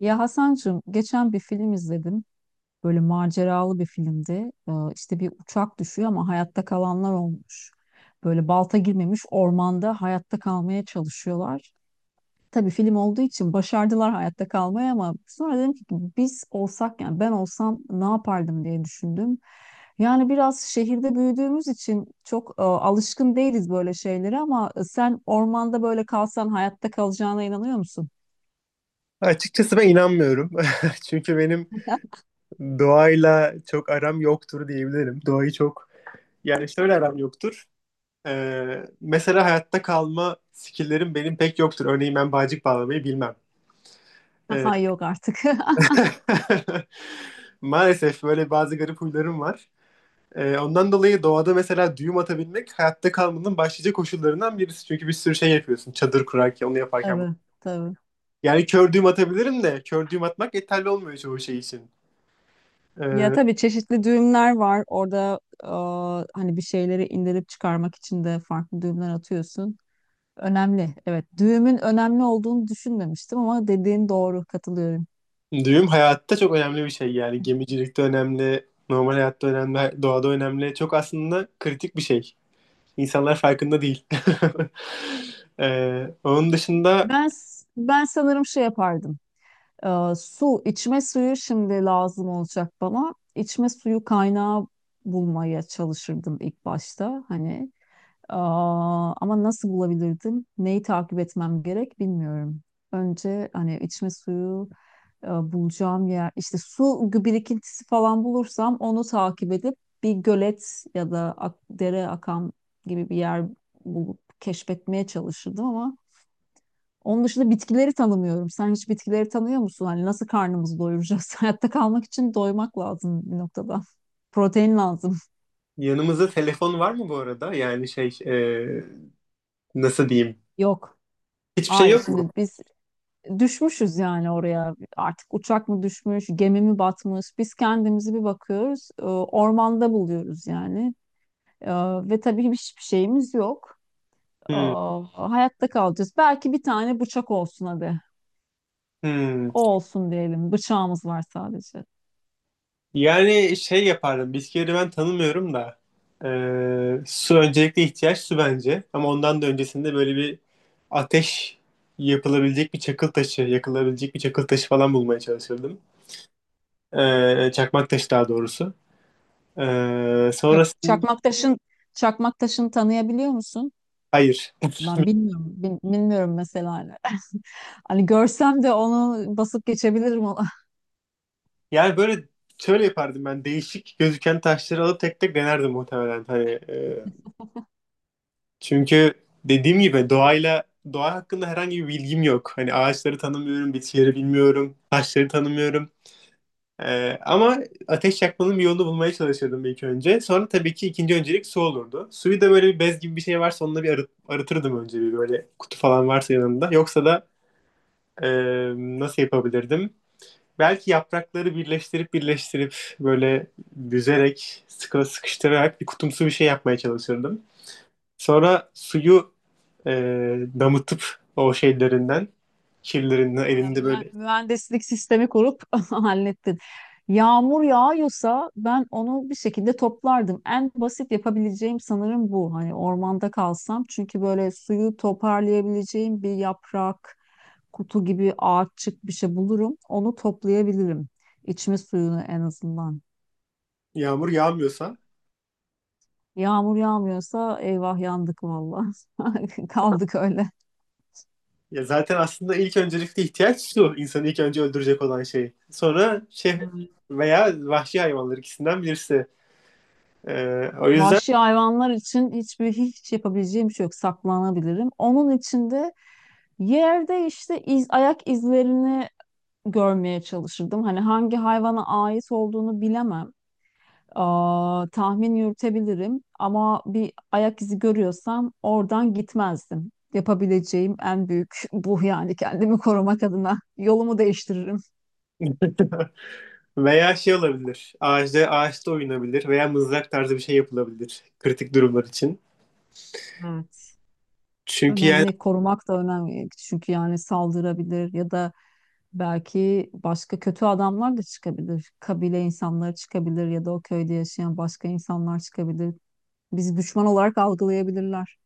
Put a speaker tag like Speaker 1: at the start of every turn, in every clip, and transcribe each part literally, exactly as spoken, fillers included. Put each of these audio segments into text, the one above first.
Speaker 1: Ya Hasancığım geçen bir film izledim. Böyle maceralı bir filmdi. Ee, işte bir uçak düşüyor ama hayatta kalanlar olmuş. Böyle balta girmemiş ormanda hayatta kalmaya çalışıyorlar. Tabii film olduğu için başardılar hayatta kalmayı, ama sonra dedim ki biz olsak, yani ben olsam ne yapardım diye düşündüm. Yani biraz şehirde büyüdüğümüz için çok e, alışkın değiliz böyle şeylere, ama e, sen ormanda böyle kalsan hayatta kalacağına inanıyor musun?
Speaker 2: Açıkçası ben inanmıyorum. Çünkü benim doğayla çok aram yoktur diyebilirim. Doğayı çok yani şöyle aram yoktur. Ee, mesela hayatta kalma skill'lerim benim pek yoktur. Örneğin ben bağcık bağlamayı bilmem. Ee,
Speaker 1: Yok artık.
Speaker 2: Maalesef böyle bazı garip huylarım var. Ee, ondan dolayı doğada mesela düğüm atabilmek hayatta kalmanın başlıca koşullarından birisi. Çünkü bir sürü şey yapıyorsun. Çadır kurarken, onu yaparken.
Speaker 1: Tabii, tabii.
Speaker 2: Yani kör düğüm atabilirim de kör düğüm atmak yeterli olmuyor çoğu şey için.
Speaker 1: Ya
Speaker 2: Ee,
Speaker 1: tabii çeşitli düğümler var. Orada aa, hani bir şeyleri indirip çıkarmak için de farklı düğümler atıyorsun. Önemli. Evet, düğümün önemli olduğunu düşünmemiştim, ama dediğin doğru, katılıyorum.
Speaker 2: Düğüm hayatta çok önemli bir şey yani. Gemicilikte önemli, normal hayatta önemli, doğada önemli. Çok aslında kritik bir şey. İnsanlar farkında değil. Ee, onun dışında
Speaker 1: Ben ben sanırım şey yapardım. Aa, su, içme suyu şimdi lazım olacak bana. İçme suyu kaynağı bulmaya çalışırdım ilk başta. Hani aa, ama nasıl bulabilirdim? Neyi takip etmem gerek bilmiyorum. Önce hani içme suyu e, bulacağım yer, işte su gü- birikintisi falan bulursam onu takip edip bir gölet ya da ak- dere akan gibi bir yer bulup keşfetmeye çalışırdım, ama onun dışında bitkileri tanımıyorum. Sen hiç bitkileri tanıyor musun? Hani nasıl karnımızı doyuracağız? Hayatta kalmak için doymak lazım bir noktada. Protein lazım.
Speaker 2: yanımızda telefon var mı bu arada? Yani şey, e, nasıl diyeyim?
Speaker 1: Yok.
Speaker 2: Hiçbir şey
Speaker 1: Hayır,
Speaker 2: yok
Speaker 1: şimdi
Speaker 2: mu?
Speaker 1: biz düşmüşüz yani oraya. Artık uçak mı düşmüş, gemi mi batmış? Biz kendimizi bir bakıyoruz, e, ormanda buluyoruz yani. E, Ve tabii hiçbir şeyimiz yok. E,
Speaker 2: Hmm,
Speaker 1: Hayatta kalacağız. Belki bir tane bıçak olsun hadi.
Speaker 2: hmm.
Speaker 1: O olsun diyelim. Bıçağımız var sadece.
Speaker 2: Yani şey yapardım. Bisküvileri ben tanımıyorum da. eee, su öncelikle ihtiyaç su bence. Ama ondan da öncesinde böyle bir ateş yapılabilecek bir çakıl taşı, yakılabilecek bir çakıl taşı falan bulmaya çalışırdım. Eee, çakmak taşı daha doğrusu. Eee
Speaker 1: Çak-
Speaker 2: sonrasında.
Speaker 1: Çakmak taşın, çakmak taşını tanıyabiliyor musun?
Speaker 2: Hayır.
Speaker 1: Ben bilmiyorum. bil- Bilmiyorum mesela. Hani hani görsem de onu basıp geçebilirim ona.
Speaker 2: Yani böyle şöyle yapardım ben. Değişik gözüken taşları alıp tek tek denerdim muhtemelen. Hani, çünkü dediğim gibi doğayla doğa hakkında herhangi bir bilgim yok. Hani ağaçları tanımıyorum, bitkileri bilmiyorum, taşları tanımıyorum. Ee, ama ateş yakmanın bir yolunu bulmaya çalışırdım ilk önce. Sonra tabii ki ikinci öncelik su olurdu. Suyu da böyle bir bez gibi bir şey varsa onunla bir arı- arıtırdım önce, bir böyle kutu falan varsa yanımda. Yoksa da e, nasıl yapabilirdim? Belki yaprakları birleştirip birleştirip böyle büzerek, sıkı sıkıştırarak bir kutumsu bir şey yapmaya çalışırdım. Sonra suyu e, damıtıp o şeylerinden, kirlerinden
Speaker 1: Bayağı
Speaker 2: elinde
Speaker 1: mühen-
Speaker 2: böyle.
Speaker 1: mühendislik sistemi kurup hallettin. Yağmur yağıyorsa ben onu bir şekilde toplardım. En basit yapabileceğim sanırım bu. Hani ormanda kalsam, çünkü böyle suyu toparlayabileceğim bir yaprak, kutu gibi ağaççık bir şey bulurum. Onu toplayabilirim. İçme suyunu en azından.
Speaker 2: Yağmur yağmıyorsa,
Speaker 1: Yağmur yağmıyorsa eyvah yandık valla. Kaldık öyle.
Speaker 2: ya zaten aslında ilk öncelikli ihtiyaç su. İnsanı ilk önce öldürecek olan şey. Sonra şey
Speaker 1: Evet.
Speaker 2: veya vahşi hayvanlar, ikisinden birisi. E, o yüzden
Speaker 1: Vahşi hayvanlar için hiçbir hiç yapabileceğim bir şey yok. Saklanabilirim. Onun için de yerde işte iz, ayak izlerini görmeye çalışırdım. Hani hangi hayvana ait olduğunu bilemem. Aa, tahmin yürütebilirim, ama bir ayak izi görüyorsam oradan gitmezdim. Yapabileceğim en büyük bu, yani kendimi korumak adına yolumu değiştiririm.
Speaker 2: veya şey olabilir. Ağaçta, ağaçta oynanabilir veya mızrak tarzı bir şey yapılabilir kritik durumlar için. Çünkü yani,
Speaker 1: Önemli, korumak da önemli, çünkü yani saldırabilir ya da belki başka kötü adamlar da çıkabilir. Kabile insanları çıkabilir ya da o köyde yaşayan başka insanlar çıkabilir. Bizi düşman olarak algılayabilirler.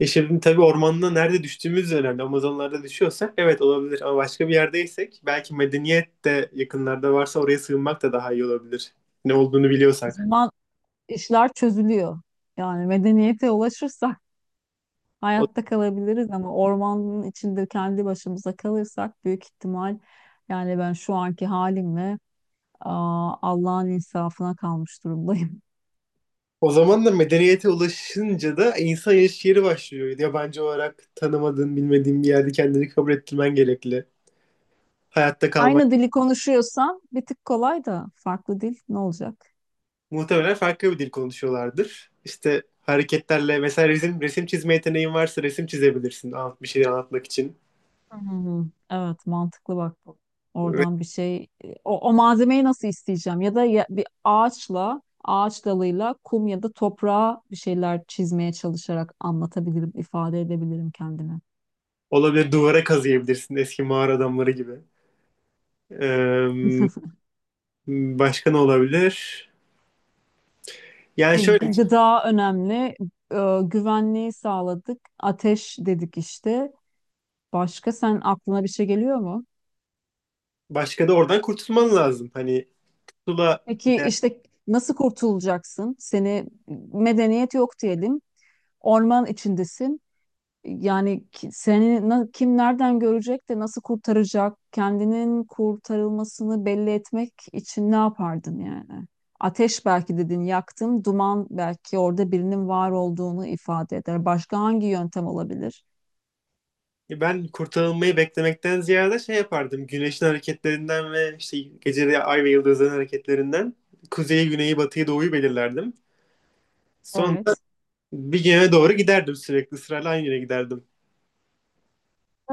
Speaker 2: E şimdi tabii ormanda nerede düştüğümüz önemli. Amazonlarda düşüyorsak evet olabilir ama başka bir yerdeysek belki medeniyet de yakınlarda varsa oraya sığınmak da daha iyi olabilir. Ne olduğunu
Speaker 1: O
Speaker 2: biliyorsak.
Speaker 1: zaman işler çözülüyor. Yani medeniyete ulaşırsak
Speaker 2: O,
Speaker 1: hayatta kalabiliriz, ama ormanın içinde kendi başımıza kalırsak büyük ihtimal yani ben şu anki halimle aa, Allah'ın insafına kalmış durumdayım.
Speaker 2: o zaman da medeniyete ulaşınca da insan yaşayış yeri başlıyor. Yabancı olarak tanımadığın, bilmediğin bir yerde kendini kabul ettirmen gerekli. Hayatta kalmak.
Speaker 1: Aynı dili konuşuyorsan bir tık kolay, da farklı dil ne olacak?
Speaker 2: Muhtemelen farklı bir dil konuşuyorlardır. İşte hareketlerle mesela resim, resim çizme yeteneğin varsa resim çizebilirsin, anlat, bir şeyleri anlatmak için.
Speaker 1: Hmm, evet mantıklı bak bu. Oradan bir şey o, o malzemeyi nasıl isteyeceğim, ya da ya- bir ağaçla, ağaç dalıyla kum ya da toprağa bir şeyler çizmeye çalışarak anlatabilirim, ifade edebilirim kendimi.
Speaker 2: Olabilir, duvara kazıyabilirsin eski mağara adamları gibi. Ee, başka ne olabilir? Yani
Speaker 1: E,
Speaker 2: şöyle.
Speaker 1: gı-
Speaker 2: Evet.
Speaker 1: gıda önemli. E, güvenliği sağladık. Ateş dedik işte. Başka sen aklına bir şey geliyor mu?
Speaker 2: Başka da oradan kurtulman lazım. Hani pusula.
Speaker 1: Peki işte nasıl kurtulacaksın? Seni, medeniyet yok diyelim. Orman içindesin. Yani ki- seni na- kim nereden görecek de nasıl kurtaracak? Kendinin kurtarılmasını belli etmek için ne yapardın yani? Ateş belki dedin yaktın, duman belki orada birinin var olduğunu ifade eder. Başka hangi yöntem olabilir?
Speaker 2: Ben kurtarılmayı beklemekten ziyade şey yapardım. Güneşin hareketlerinden ve işte gece ay ve yıldızların hareketlerinden kuzeyi, güneyi, batıyı, doğuyu belirlerdim. Sonra
Speaker 1: Evet.
Speaker 2: bir yöne doğru giderdim, sürekli sırayla aynı yere giderdim.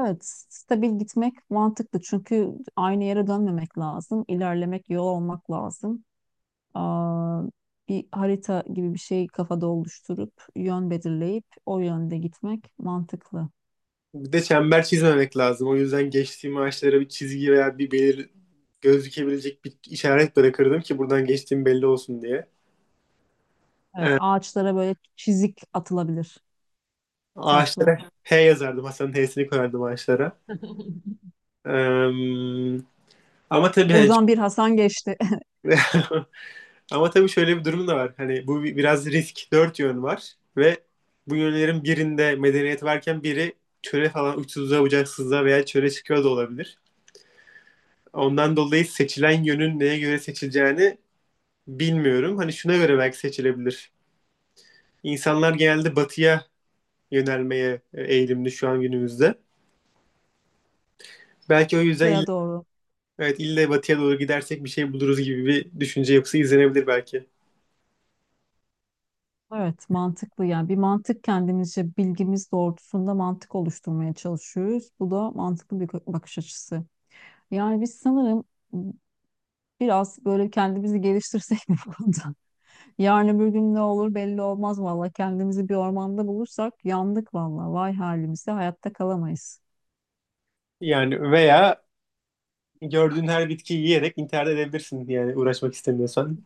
Speaker 1: Evet, stabil gitmek mantıklı, çünkü aynı yere dönmemek lazım, ilerlemek, yol olmak lazım. Aa, bir harita gibi bir şey kafada oluşturup yön belirleyip o yönde gitmek mantıklı.
Speaker 2: Bir de çember çizmemek lazım. O yüzden geçtiğim ağaçlara bir çizgi veya bir belir gözükebilecek bir işaret bırakırdım ki buradan geçtiğim belli olsun diye.
Speaker 1: Evet,
Speaker 2: Ee,
Speaker 1: ağaçlara böyle çizik atılabilir taşla.
Speaker 2: ağaçlara he yazardım. Hasan'ın he'sini koyardım ağaçlara. Ee, ama tabii hani çok-
Speaker 1: Buradan bir Hasan geçti.
Speaker 2: Ama tabii şöyle bir durum da var. Hani bu bi- biraz risk. Dört yön var ve bu yönlerin birinde medeniyet varken biri çöle falan, uçsuzluğa bucaksızlığa veya çöle çıkıyor da olabilir. Ondan dolayı seçilen yönün neye göre seçileceğini bilmiyorum. Hani şuna göre belki seçilebilir. İnsanlar genelde batıya yönelmeye e, eğilimli şu an günümüzde. Belki o yüzden ille,
Speaker 1: Batıya doğru.
Speaker 2: evet, ille batıya doğru gidersek bir şey buluruz gibi bir düşünce yapısı izlenebilir belki.
Speaker 1: Evet, mantıklı yani. Bir mantık, kendimizce bilgimiz doğrultusunda mantık oluşturmaya çalışıyoruz. Bu da mantıklı bir bakış açısı. Yani biz sanırım biraz böyle kendimizi geliştirsek mi bu konuda? Yarın öbür gün ne olur belli olmaz valla. Kendimizi bir ormanda bulursak yandık valla. Vay halimize, hayatta kalamayız.
Speaker 2: Yani, veya gördüğün her bitkiyi yiyerek intihar edebilirsin yani, uğraşmak istemiyorsan.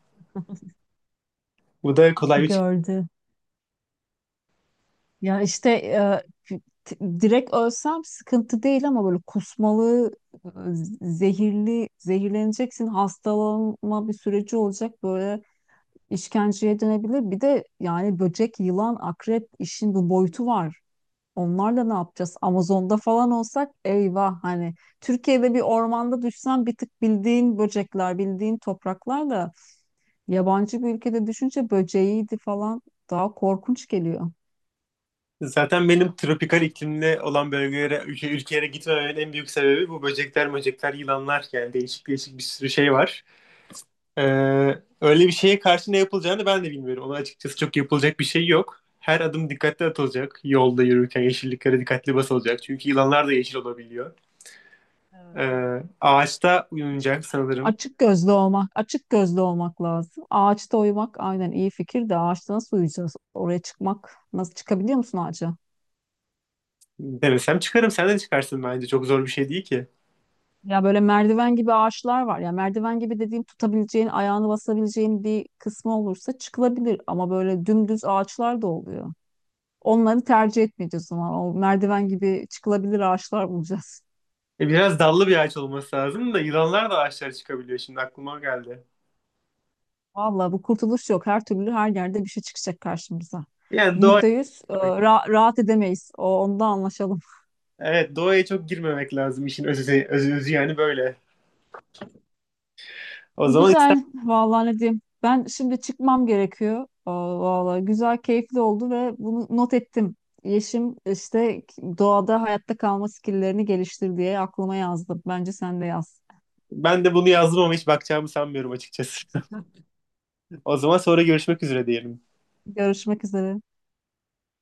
Speaker 2: Bu da kolay bir çık-
Speaker 1: Gördü. Ya işte e, t- direkt ölsem sıkıntı değil, ama böyle kusmalı, e, zehirli, zehirleneceksin, hastalanma bir süreci olacak, böyle işkenceye dönebilir. Bir de yani böcek, yılan, akrep, işin bu boyutu var. Onlarla ne yapacağız? Amazon'da falan olsak eyvah, hani Türkiye'de bir ormanda düşsen bir tık bildiğin böcekler, bildiğin topraklar, da yabancı bir ülkede düşünce böceğiydi falan daha korkunç geliyor.
Speaker 2: Zaten benim tropikal iklimli olan bölgelere, ülke, ülkelere gitmememin en büyük sebebi bu böcekler, böcekler, yılanlar, yani değişik değişik bir sürü şey var. Ee, öyle bir şeye karşı ne yapılacağını ben de bilmiyorum. Ona açıkçası çok yapılacak bir şey yok. Her adım dikkatli atılacak. Yolda yürürken yeşilliklere dikkatli basılacak. Çünkü yılanlar da yeşil olabiliyor.
Speaker 1: Evet.
Speaker 2: Ee, ağaçta uyunacak sanırım.
Speaker 1: Açık gözlü olmak, açık gözlü olmak lazım. Ağaçta uyumak aynen iyi fikir de ağaçta nasıl uyuyacağız? Oraya çıkmak, nasıl çıkabiliyor musun ağaca?
Speaker 2: Denesem çıkarım. Sen de çıkarsın bence. Çok zor bir şey değil ki.
Speaker 1: Ya böyle merdiven gibi ağaçlar var. Ya merdiven gibi dediğim, tutabileceğin, ayağını basabileceğin bir kısmı olursa çıkılabilir. Ama böyle dümdüz ağaçlar da oluyor. Onları tercih etmeyeceğiz o zaman. O merdiven gibi çıkılabilir ağaçlar bulacağız.
Speaker 2: E, biraz dallı bir ağaç olması lazım da yılanlar da ağaçlara çıkabiliyor. Şimdi aklıma geldi.
Speaker 1: Vallahi bu, kurtuluş yok. Her türlü her yerde bir şey çıkacak karşımıza.
Speaker 2: Yani doğa,
Speaker 1: Yüzde yüz e, ra- rahat edemeyiz. O, onda anlaşalım.
Speaker 2: evet, doğaya çok girmemek lazım, işin özü, özü, özü yani böyle. O zaman ister,
Speaker 1: Güzel. Vallahi ne diyeyim. Ben şimdi çıkmam gerekiyor. Aa, vallahi güzel, keyifli oldu ve bunu not ettim. Yeşim işte doğada hayatta kalma skilllerini geliştir diye aklıma yazdım. Bence sen de yaz.
Speaker 2: ben de bunu yazdım ama hiç bakacağımı sanmıyorum açıkçası. O zaman sonra görüşmek üzere diyelim.
Speaker 1: Görüşmek üzere.